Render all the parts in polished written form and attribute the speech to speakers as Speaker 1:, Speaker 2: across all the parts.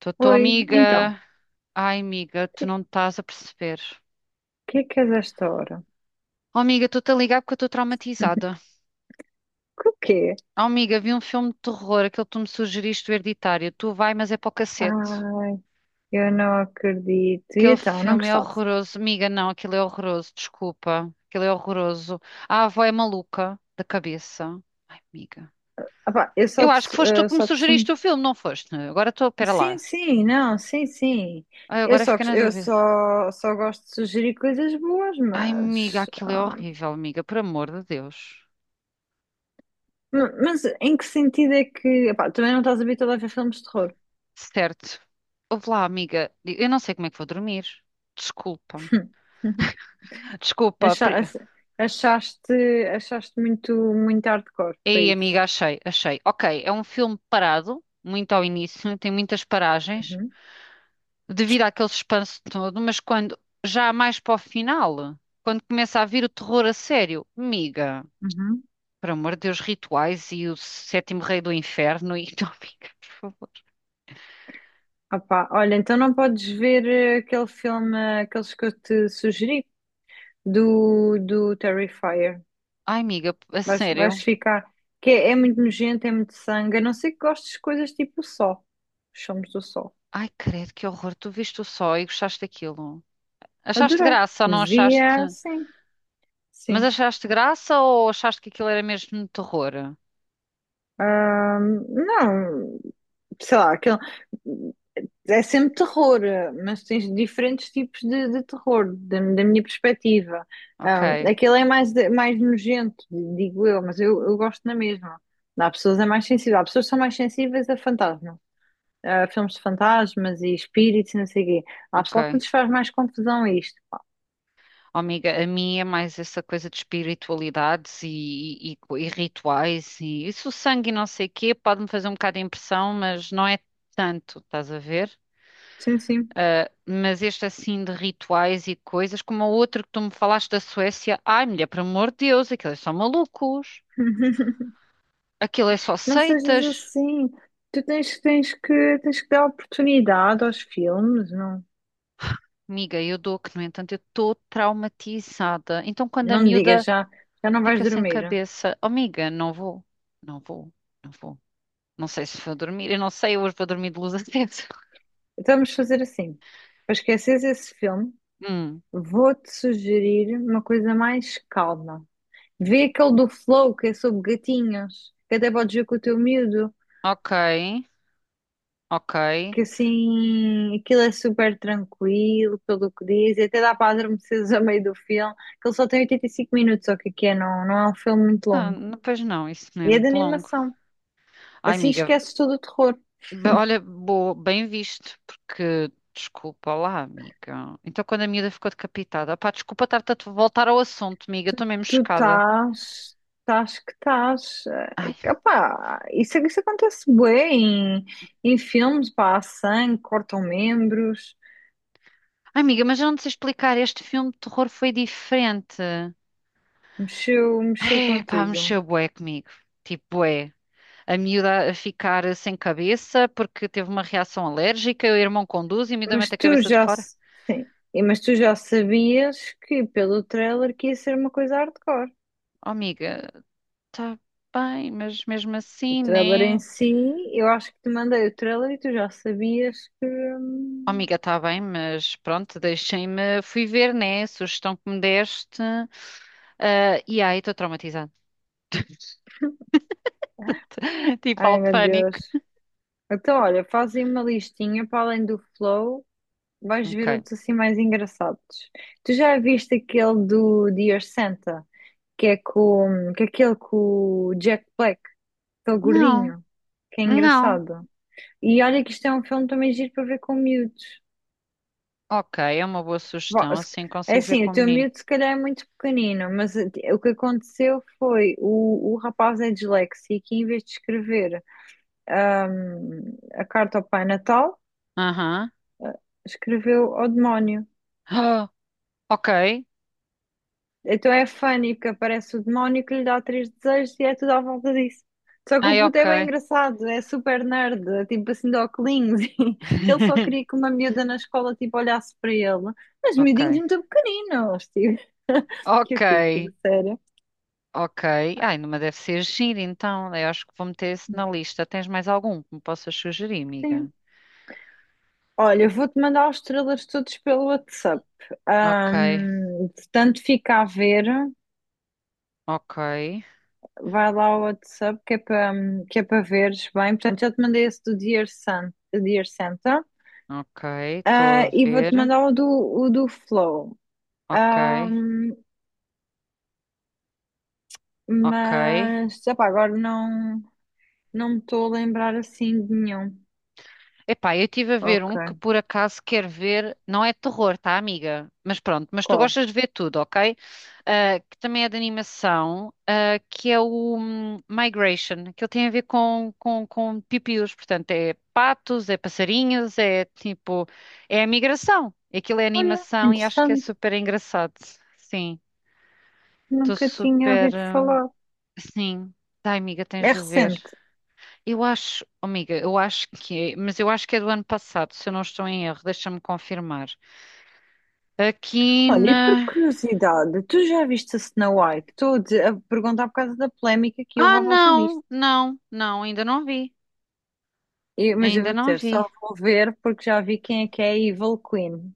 Speaker 1: Tô, tô,
Speaker 2: Oi, então, o
Speaker 1: amiga. Ai, amiga, tu não estás a perceber.
Speaker 2: que é que és a esta hora?
Speaker 1: Oh, amiga, estou-te a ligar porque eu estou traumatizada.
Speaker 2: Que o quê?
Speaker 1: Oh, amiga, vi um filme de terror, aquele que tu me sugeriste, o Hereditário. Tu vai, mas é para o cacete.
Speaker 2: Ai, eu não acredito. E
Speaker 1: Aquele
Speaker 2: então, não
Speaker 1: filme é
Speaker 2: gostaste?
Speaker 1: horroroso. Amiga, não, aquilo é horroroso, desculpa. Aquilo é horroroso. A avó é maluca da cabeça. Ai, amiga.
Speaker 2: Ah pá, eu só,
Speaker 1: Eu acho que foste tu que me
Speaker 2: só costumo.
Speaker 1: sugeriste o filme, não foste? Agora estou, pera
Speaker 2: Sim,
Speaker 1: lá.
Speaker 2: sim, não, sim, sim.
Speaker 1: Ai,
Speaker 2: Eu
Speaker 1: agora
Speaker 2: só,
Speaker 1: fiquei na dúvida.
Speaker 2: só gosto de sugerir coisas boas,
Speaker 1: Ai, amiga,
Speaker 2: mas.
Speaker 1: aquilo é horrível, amiga, por amor de Deus.
Speaker 2: Mas em que sentido é que. Epá, também não estás habituado a ver filmes de terror.
Speaker 1: Certo. Ouve lá, amiga. Eu não sei como é que vou dormir. Desculpa. Desculpa.
Speaker 2: Acha- Achaste, achaste muito, muito hardcore, foi
Speaker 1: Ei,
Speaker 2: isso.
Speaker 1: amiga, achei, achei. Ok, é um filme parado, muito ao início, tem muitas paragens,
Speaker 2: Uhum,
Speaker 1: devido àquele suspense todo, mas quando já mais para o final, quando começa a vir o terror a sério, amiga,
Speaker 2: uhum.
Speaker 1: por amor de Deus, rituais e o sétimo rei do inferno e não, amiga, por favor.
Speaker 2: Opá, olha, então não podes ver aquele filme, aqueles que eu te sugeri, do Terrifier.
Speaker 1: Ai, amiga, a
Speaker 2: Vais
Speaker 1: sério.
Speaker 2: ficar. Que é muito nojento, é muito sangue. A não ser que gostes de coisas tipo o Sol. Os filmes do Sol.
Speaker 1: Ai, credo, que horror. Tu viste o só e gostaste daquilo. Achaste
Speaker 2: Adorei.
Speaker 1: graça, não achaste?
Speaker 2: Via, sim,
Speaker 1: Mas
Speaker 2: sim.
Speaker 1: achaste graça ou achaste que aquilo era mesmo terror?
Speaker 2: Não, sei lá, aquele. É sempre terror, mas tens diferentes tipos de terror, da minha perspectiva.
Speaker 1: Ok,
Speaker 2: Aquele é mais, mais nojento, digo eu, mas eu gosto na mesma. Há pessoas é mais sensível, há pessoas que são mais sensíveis a fantasmas, a filmes de fantasmas e espíritos e não sei o quê. Há pessoal que
Speaker 1: ok.
Speaker 2: lhes faz mais confusão a isto, pá.
Speaker 1: Oh, amiga, a minha é mais essa coisa de espiritualidades e rituais e isso, o sangue e não sei o quê, pode-me fazer um bocado de impressão, mas não é tanto, estás a ver?
Speaker 2: Sim, sim.
Speaker 1: Ah, mas este assim de rituais e coisas, como o outro que tu me falaste da Suécia, ai mulher, por amor de Deus, aquilo é só malucos, aquilo é só
Speaker 2: Não sejas
Speaker 1: seitas.
Speaker 2: assim. Tu tens que dar oportunidade aos filmes, não,
Speaker 1: Amiga, eu dou que, no entanto, eu estou traumatizada. Então, quando a
Speaker 2: não me digas,
Speaker 1: miúda
Speaker 2: já, já não vais
Speaker 1: fica sem
Speaker 2: dormir.
Speaker 1: cabeça. Oh, amiga, não vou. Não vou. Não vou. Não sei se vou dormir. Eu não sei, eu hoje vou dormir de luz acesa.
Speaker 2: Então vamos fazer assim. Para esqueceres esse filme,
Speaker 1: Hum,
Speaker 2: vou-te sugerir uma coisa mais calma. Vê aquele do Flow, que é sobre gatinhos, que até podes ver com o teu miúdo,
Speaker 1: ok. Ok.
Speaker 2: que assim, aquilo é super tranquilo, pelo que diz, e até dá para adormeceres a meio do filme, que ele só tem 85 minutos, ou o que é, não, não é um filme muito
Speaker 1: Não,
Speaker 2: longo.
Speaker 1: não, pois não, isso não é
Speaker 2: E é de
Speaker 1: muito longo.
Speaker 2: animação.
Speaker 1: Ai,
Speaker 2: Assim
Speaker 1: amiga.
Speaker 2: esqueces todo o terror.
Speaker 1: Olha, boa, bem visto, porque. Desculpa lá, amiga. Então, quando a miúda ficou decapitada, pá, desculpa estar-te a te voltar ao assunto, amiga.
Speaker 2: Tu,
Speaker 1: Estou mesmo
Speaker 2: tu
Speaker 1: chocada.
Speaker 2: estás que estás.
Speaker 1: Ai,
Speaker 2: Opá, isso acontece bem em filmes, pá, há sangue, cortam membros,
Speaker 1: ai, amiga, mas eu não te sei explicar. Este filme de terror foi diferente.
Speaker 2: mexeu
Speaker 1: Ai, pá,
Speaker 2: contigo.
Speaker 1: mexeu bué comigo. Tipo, bué. A miúda a ficar sem cabeça porque teve uma reação alérgica, o irmão conduz e a miúda
Speaker 2: Mas
Speaker 1: mete a
Speaker 2: tu
Speaker 1: cabeça de
Speaker 2: já,
Speaker 1: fora.
Speaker 2: sim, mas tu já sabias que pelo trailer que ia ser uma coisa hardcore.
Speaker 1: Oh, amiga, tá bem, mas mesmo
Speaker 2: O
Speaker 1: assim,
Speaker 2: trailer em
Speaker 1: né?
Speaker 2: si, eu acho que te mandei o trailer e tu já sabias que.
Speaker 1: Oh, amiga, tá bem, mas pronto, deixem-me, fui ver, né? A sugestão que me deste. Ah, e aí, estou traumatizada. Tipo,
Speaker 2: Ai
Speaker 1: alto
Speaker 2: meu
Speaker 1: pânico.
Speaker 2: Deus. Então, olha, fazem uma listinha para além do Flow. Vais ver
Speaker 1: Ok.
Speaker 2: outros assim mais engraçados. Tu já viste aquele do Dear Santa, que é aquele com o Jack Black, aquele
Speaker 1: Não,
Speaker 2: gordinho, que é
Speaker 1: não.
Speaker 2: engraçado. E olha que isto é um filme também giro para ver com miúdos.
Speaker 1: Ok, é uma boa
Speaker 2: Vá,
Speaker 1: sugestão, assim
Speaker 2: É
Speaker 1: consigo ver
Speaker 2: assim,
Speaker 1: com
Speaker 2: o
Speaker 1: o
Speaker 2: teu
Speaker 1: menino.
Speaker 2: miúdo se calhar é muito pequenino, mas o que aconteceu foi o rapaz é disléxico e em vez de escrever a carta ao Pai Natal,
Speaker 1: Aham.
Speaker 2: escreveu ao demónio.
Speaker 1: Ah, ok.
Speaker 2: Então é funny, porque aparece o demónio que lhe dá três desejos e é tudo à volta disso. Só que o
Speaker 1: Ai,
Speaker 2: puto
Speaker 1: ok.
Speaker 2: é bem engraçado, é super nerd, é tipo assim de óculos. e Ele só queria que uma miúda na escola tipo, olhasse para ele. Mas miudinhos
Speaker 1: Ok.
Speaker 2: muito pequeninos, tipo. Que
Speaker 1: Ok,
Speaker 2: eu fico, tipo, sério.
Speaker 1: ok. Ai, numa deve ser giro, então. Eu acho que vou meter esse na lista. Tens mais algum que me possas sugerir, amiga?
Speaker 2: Sim. Olha, eu vou-te mandar os trailers todos pelo WhatsApp.
Speaker 1: Ok,
Speaker 2: Portanto, fica a ver.
Speaker 1: ok,
Speaker 2: Vai lá ao WhatsApp que é para veres bem. Portanto, já te mandei esse do Dear Santa.
Speaker 1: ok. Estou a
Speaker 2: Ah, e
Speaker 1: ver.
Speaker 2: vou-te mandar o do Flow.
Speaker 1: Ok,
Speaker 2: Ahm,
Speaker 1: ok.
Speaker 2: mas, epá, agora não, não me estou a lembrar assim de nenhum.
Speaker 1: Epá, eu estive a ver
Speaker 2: Ok,
Speaker 1: um que por acaso quer ver, não é terror, tá, amiga? Mas pronto, mas tu
Speaker 2: qual?
Speaker 1: gostas de ver tudo, ok? Ah, que também é de animação, ah, que é o Migration, que ele tem a ver com pipiús, portanto é patos, é passarinhos, é tipo, é a migração. Aquilo é
Speaker 2: Olha,
Speaker 1: animação e acho que é
Speaker 2: interessante,
Speaker 1: super engraçado. Sim, estou
Speaker 2: nunca tinha
Speaker 1: super,
Speaker 2: ouvido falar.
Speaker 1: sim, tá, amiga, tens
Speaker 2: É
Speaker 1: de ver.
Speaker 2: recente.
Speaker 1: Eu acho, oh, amiga, eu acho que é, mas eu acho que é do ano passado, se eu não estou em erro, deixa-me confirmar. Aqui
Speaker 2: Olha, e por
Speaker 1: na.
Speaker 2: curiosidade, tu já viste a Snow White? A perguntar por causa da polémica que
Speaker 1: Ah,
Speaker 2: houve à volta disto.
Speaker 1: não, não, não, ainda não vi,
Speaker 2: Mas eu
Speaker 1: ainda
Speaker 2: vou
Speaker 1: não
Speaker 2: dizer, só
Speaker 1: vi.
Speaker 2: vou ver porque já vi quem é que é a Evil Queen.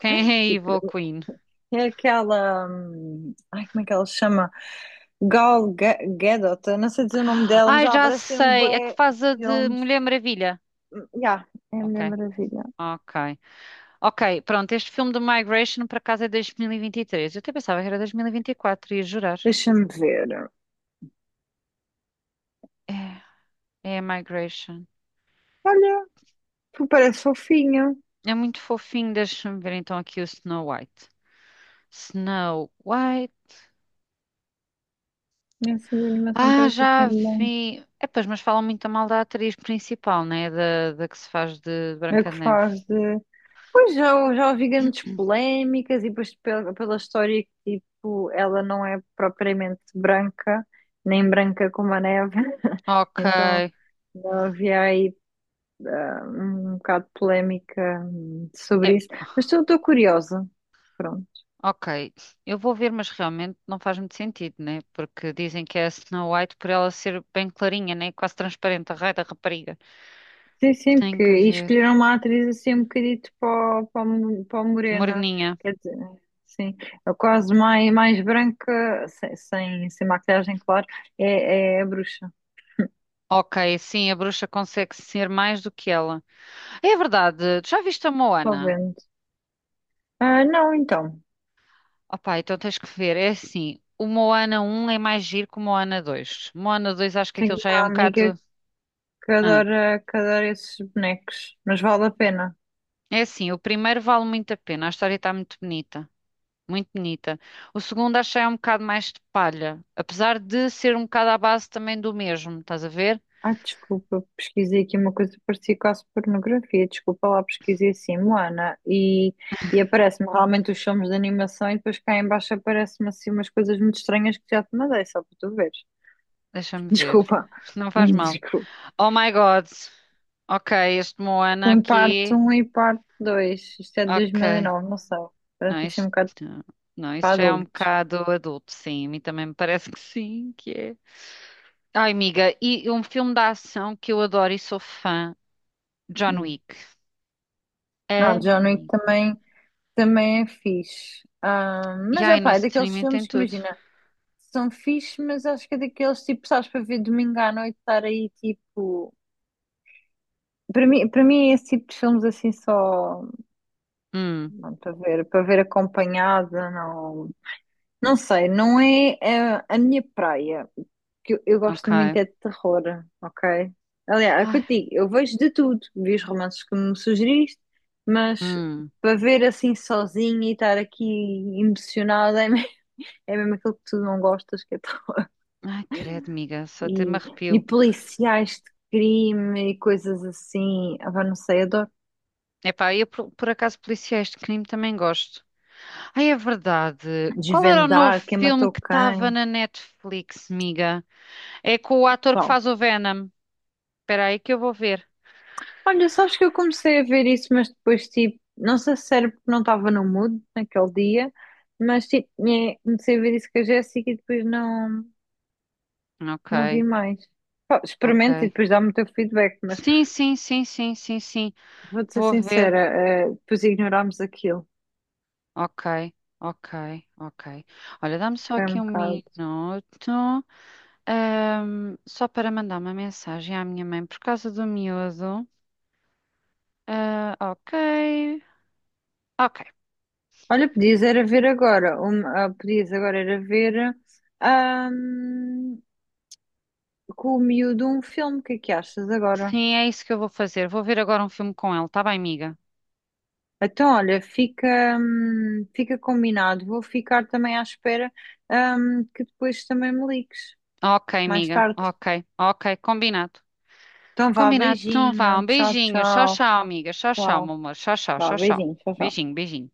Speaker 1: Quem é a
Speaker 2: Que
Speaker 1: Evil Queen?
Speaker 2: É aquela. Ai, como é que ela se chama? Gal Gadot, eu não sei dizer o nome dela, mas
Speaker 1: Ai,
Speaker 2: ela
Speaker 1: já
Speaker 2: aparece em
Speaker 1: sei, é que
Speaker 2: bué
Speaker 1: faz a de
Speaker 2: filmes.
Speaker 1: Mulher Maravilha.
Speaker 2: Ya, é a
Speaker 1: Ok,
Speaker 2: Mulher Maravilha.
Speaker 1: ok, ok, pronto, este filme do Migration por acaso é 2023. Eu até pensava que era 2024, ia jurar.
Speaker 2: Deixa-me ver.
Speaker 1: É, é a Migration.
Speaker 2: Olha, tu parece fofinha.
Speaker 1: É muito fofinho, deixa-me ver então aqui o Snow White. Snow White.
Speaker 2: Nessa animação
Speaker 1: Ah,
Speaker 2: parece assim
Speaker 1: já
Speaker 2: um bom.
Speaker 1: vi. É, pois, mas falam muito mal da atriz principal, né? Da que se faz de
Speaker 2: É
Speaker 1: Branca
Speaker 2: que
Speaker 1: de Neve.
Speaker 2: faz de. Pois já ouvi grandes polémicas e depois pela história que tipo, ela não é propriamente branca, nem branca como a neve.
Speaker 1: Ok.
Speaker 2: Então,
Speaker 1: É,
Speaker 2: não havia aí um bocado polémica sobre isso, mas estou curiosa. Pronto.
Speaker 1: ok. Eu vou ver, mas realmente não faz muito sentido, né? Porque dizem que é a Snow White por ela ser bem clarinha, né? Quase transparente, a raia da rapariga.
Speaker 2: Sim, sim,
Speaker 1: Tenho
Speaker 2: porque
Speaker 1: que
Speaker 2: e
Speaker 1: ver.
Speaker 2: escolheram uma atriz assim um bocadito para o Morena,
Speaker 1: Moreninha.
Speaker 2: quer dizer, sim, é quase mais branca, sem maquilhagem, claro, é a bruxa,
Speaker 1: Ok, sim, a bruxa consegue ser mais do que ela. É verdade. Já viste a
Speaker 2: estou
Speaker 1: Moana?
Speaker 2: vendo. Ah, não, então,
Speaker 1: Opa, então tens que ver. É assim, o Moana um é mais giro que o Moana 2. Moana 2 acho que aquilo
Speaker 2: tenho
Speaker 1: já é um
Speaker 2: uma amiga
Speaker 1: bocado.
Speaker 2: que
Speaker 1: Ah,
Speaker 2: adora, que adora esses bonecos, mas vale a pena.
Speaker 1: é assim, o primeiro vale muito a pena. A história está muito bonita. Muito bonita. O segundo acho que já é um bocado mais de palha. Apesar de ser um bocado à base também do mesmo. Estás a ver?
Speaker 2: Ah, desculpa, pesquisei aqui uma coisa que parecia quase pornografia. Desculpa lá, pesquisei assim, Moana, e aparece-me realmente os filmes de animação e depois cá em baixo aparece-me assim umas coisas muito estranhas que já te mandei, só para tu veres.
Speaker 1: Deixa-me ver.
Speaker 2: Desculpa,
Speaker 1: Não faz mal.
Speaker 2: desculpa.
Speaker 1: Oh my God. Ok, este Moana
Speaker 2: Tem parte
Speaker 1: aqui.
Speaker 2: um e parte 2. Isto é de dois
Speaker 1: Ok.
Speaker 2: mil e nove, não sei.
Speaker 1: Não,
Speaker 2: Parece assim um
Speaker 1: isto,
Speaker 2: bocado
Speaker 1: não,
Speaker 2: para
Speaker 1: isso já é um
Speaker 2: adultos.
Speaker 1: bocado adulto, sim. A mim também me parece que sim, que é. Ai, amiga, e um filme da ação que eu adoro e sou fã, John
Speaker 2: Hum.
Speaker 1: Wick. É,
Speaker 2: Ah, John Wick
Speaker 1: amiga.
Speaker 2: também é fixe. Ah,
Speaker 1: E
Speaker 2: mas, é
Speaker 1: ai, no
Speaker 2: pá, é daqueles
Speaker 1: streaming tem
Speaker 2: filmes que
Speaker 1: tudo.
Speaker 2: imagina. São fixe, mas acho que é daqueles tipo, sabes, para ver domingo à noite estar aí tipo. Para mim é esse tipo de filmes assim só
Speaker 1: Hum,
Speaker 2: não, para ver acompanhada, não, não sei, não é a minha praia. Que eu gosto muito
Speaker 1: ok.
Speaker 2: é de terror, ok? Aliás, é o que eu
Speaker 1: Ai,
Speaker 2: te digo, eu vejo de tudo, vi os romances que me sugeriste, mas
Speaker 1: hum.
Speaker 2: para ver assim sozinha e estar aqui emocionada É mesmo aquilo que tu não gostas, que é
Speaker 1: Ai, credo, amiga, só até me
Speaker 2: e, e
Speaker 1: arrepio.
Speaker 2: policiais de crime e coisas assim. Ah, pá, não sei, adoro.
Speaker 1: Epá, eu por acaso policiais de crime também gosto. Ai, é verdade. Qual era o novo
Speaker 2: Desvendar quem
Speaker 1: filme
Speaker 2: matou
Speaker 1: que estava
Speaker 2: quem.
Speaker 1: na Netflix, amiga? É com o ator que
Speaker 2: Qual?
Speaker 1: faz o Venom. Espera aí que eu vou ver.
Speaker 2: Olha, sabes que eu comecei a ver isso, mas depois, tipo, não sei se era porque não estava no mood naquele dia, mas, tipo, comecei a ver isso com a Jéssica e depois não,
Speaker 1: Ok,
Speaker 2: não vi mais. Pá, experimenta e
Speaker 1: ok.
Speaker 2: depois dá-me o teu feedback, mas
Speaker 1: Sim, sim, sim, sim, sim, sim.
Speaker 2: vou-te ser
Speaker 1: Vou ver.
Speaker 2: sincera, depois ignorámos aquilo.
Speaker 1: Ok, ok, ok. Olha, dá-me só
Speaker 2: Foi
Speaker 1: aqui
Speaker 2: um
Speaker 1: um
Speaker 2: bocado.
Speaker 1: minuto, só para mandar uma mensagem à minha mãe por causa do miúdo. Ah, ok, ok.
Speaker 2: Olha, podias era ver agora, podias agora era ver ahm, com o miúdo um filme, o que é que achas agora?
Speaker 1: Sim, é isso que eu vou fazer. Vou ver agora um filme com ele, tá bem, amiga?
Speaker 2: Então, olha, fica combinado, vou ficar também à espera que depois também me ligues,
Speaker 1: Ok,
Speaker 2: mais
Speaker 1: amiga,
Speaker 2: tarde.
Speaker 1: ok, ok, combinado.
Speaker 2: Então vá,
Speaker 1: Combinado, então vá,
Speaker 2: beijinho,
Speaker 1: um
Speaker 2: tchau,
Speaker 1: beijinho. Tchau,
Speaker 2: tchau,
Speaker 1: tchau, amiga. Tchau, tchau, meu
Speaker 2: tchau,
Speaker 1: amor. Tchau, tchau,
Speaker 2: vá,
Speaker 1: tchau, tchau.
Speaker 2: beijinho, tchau, tchau.
Speaker 1: Beijinho, beijinho.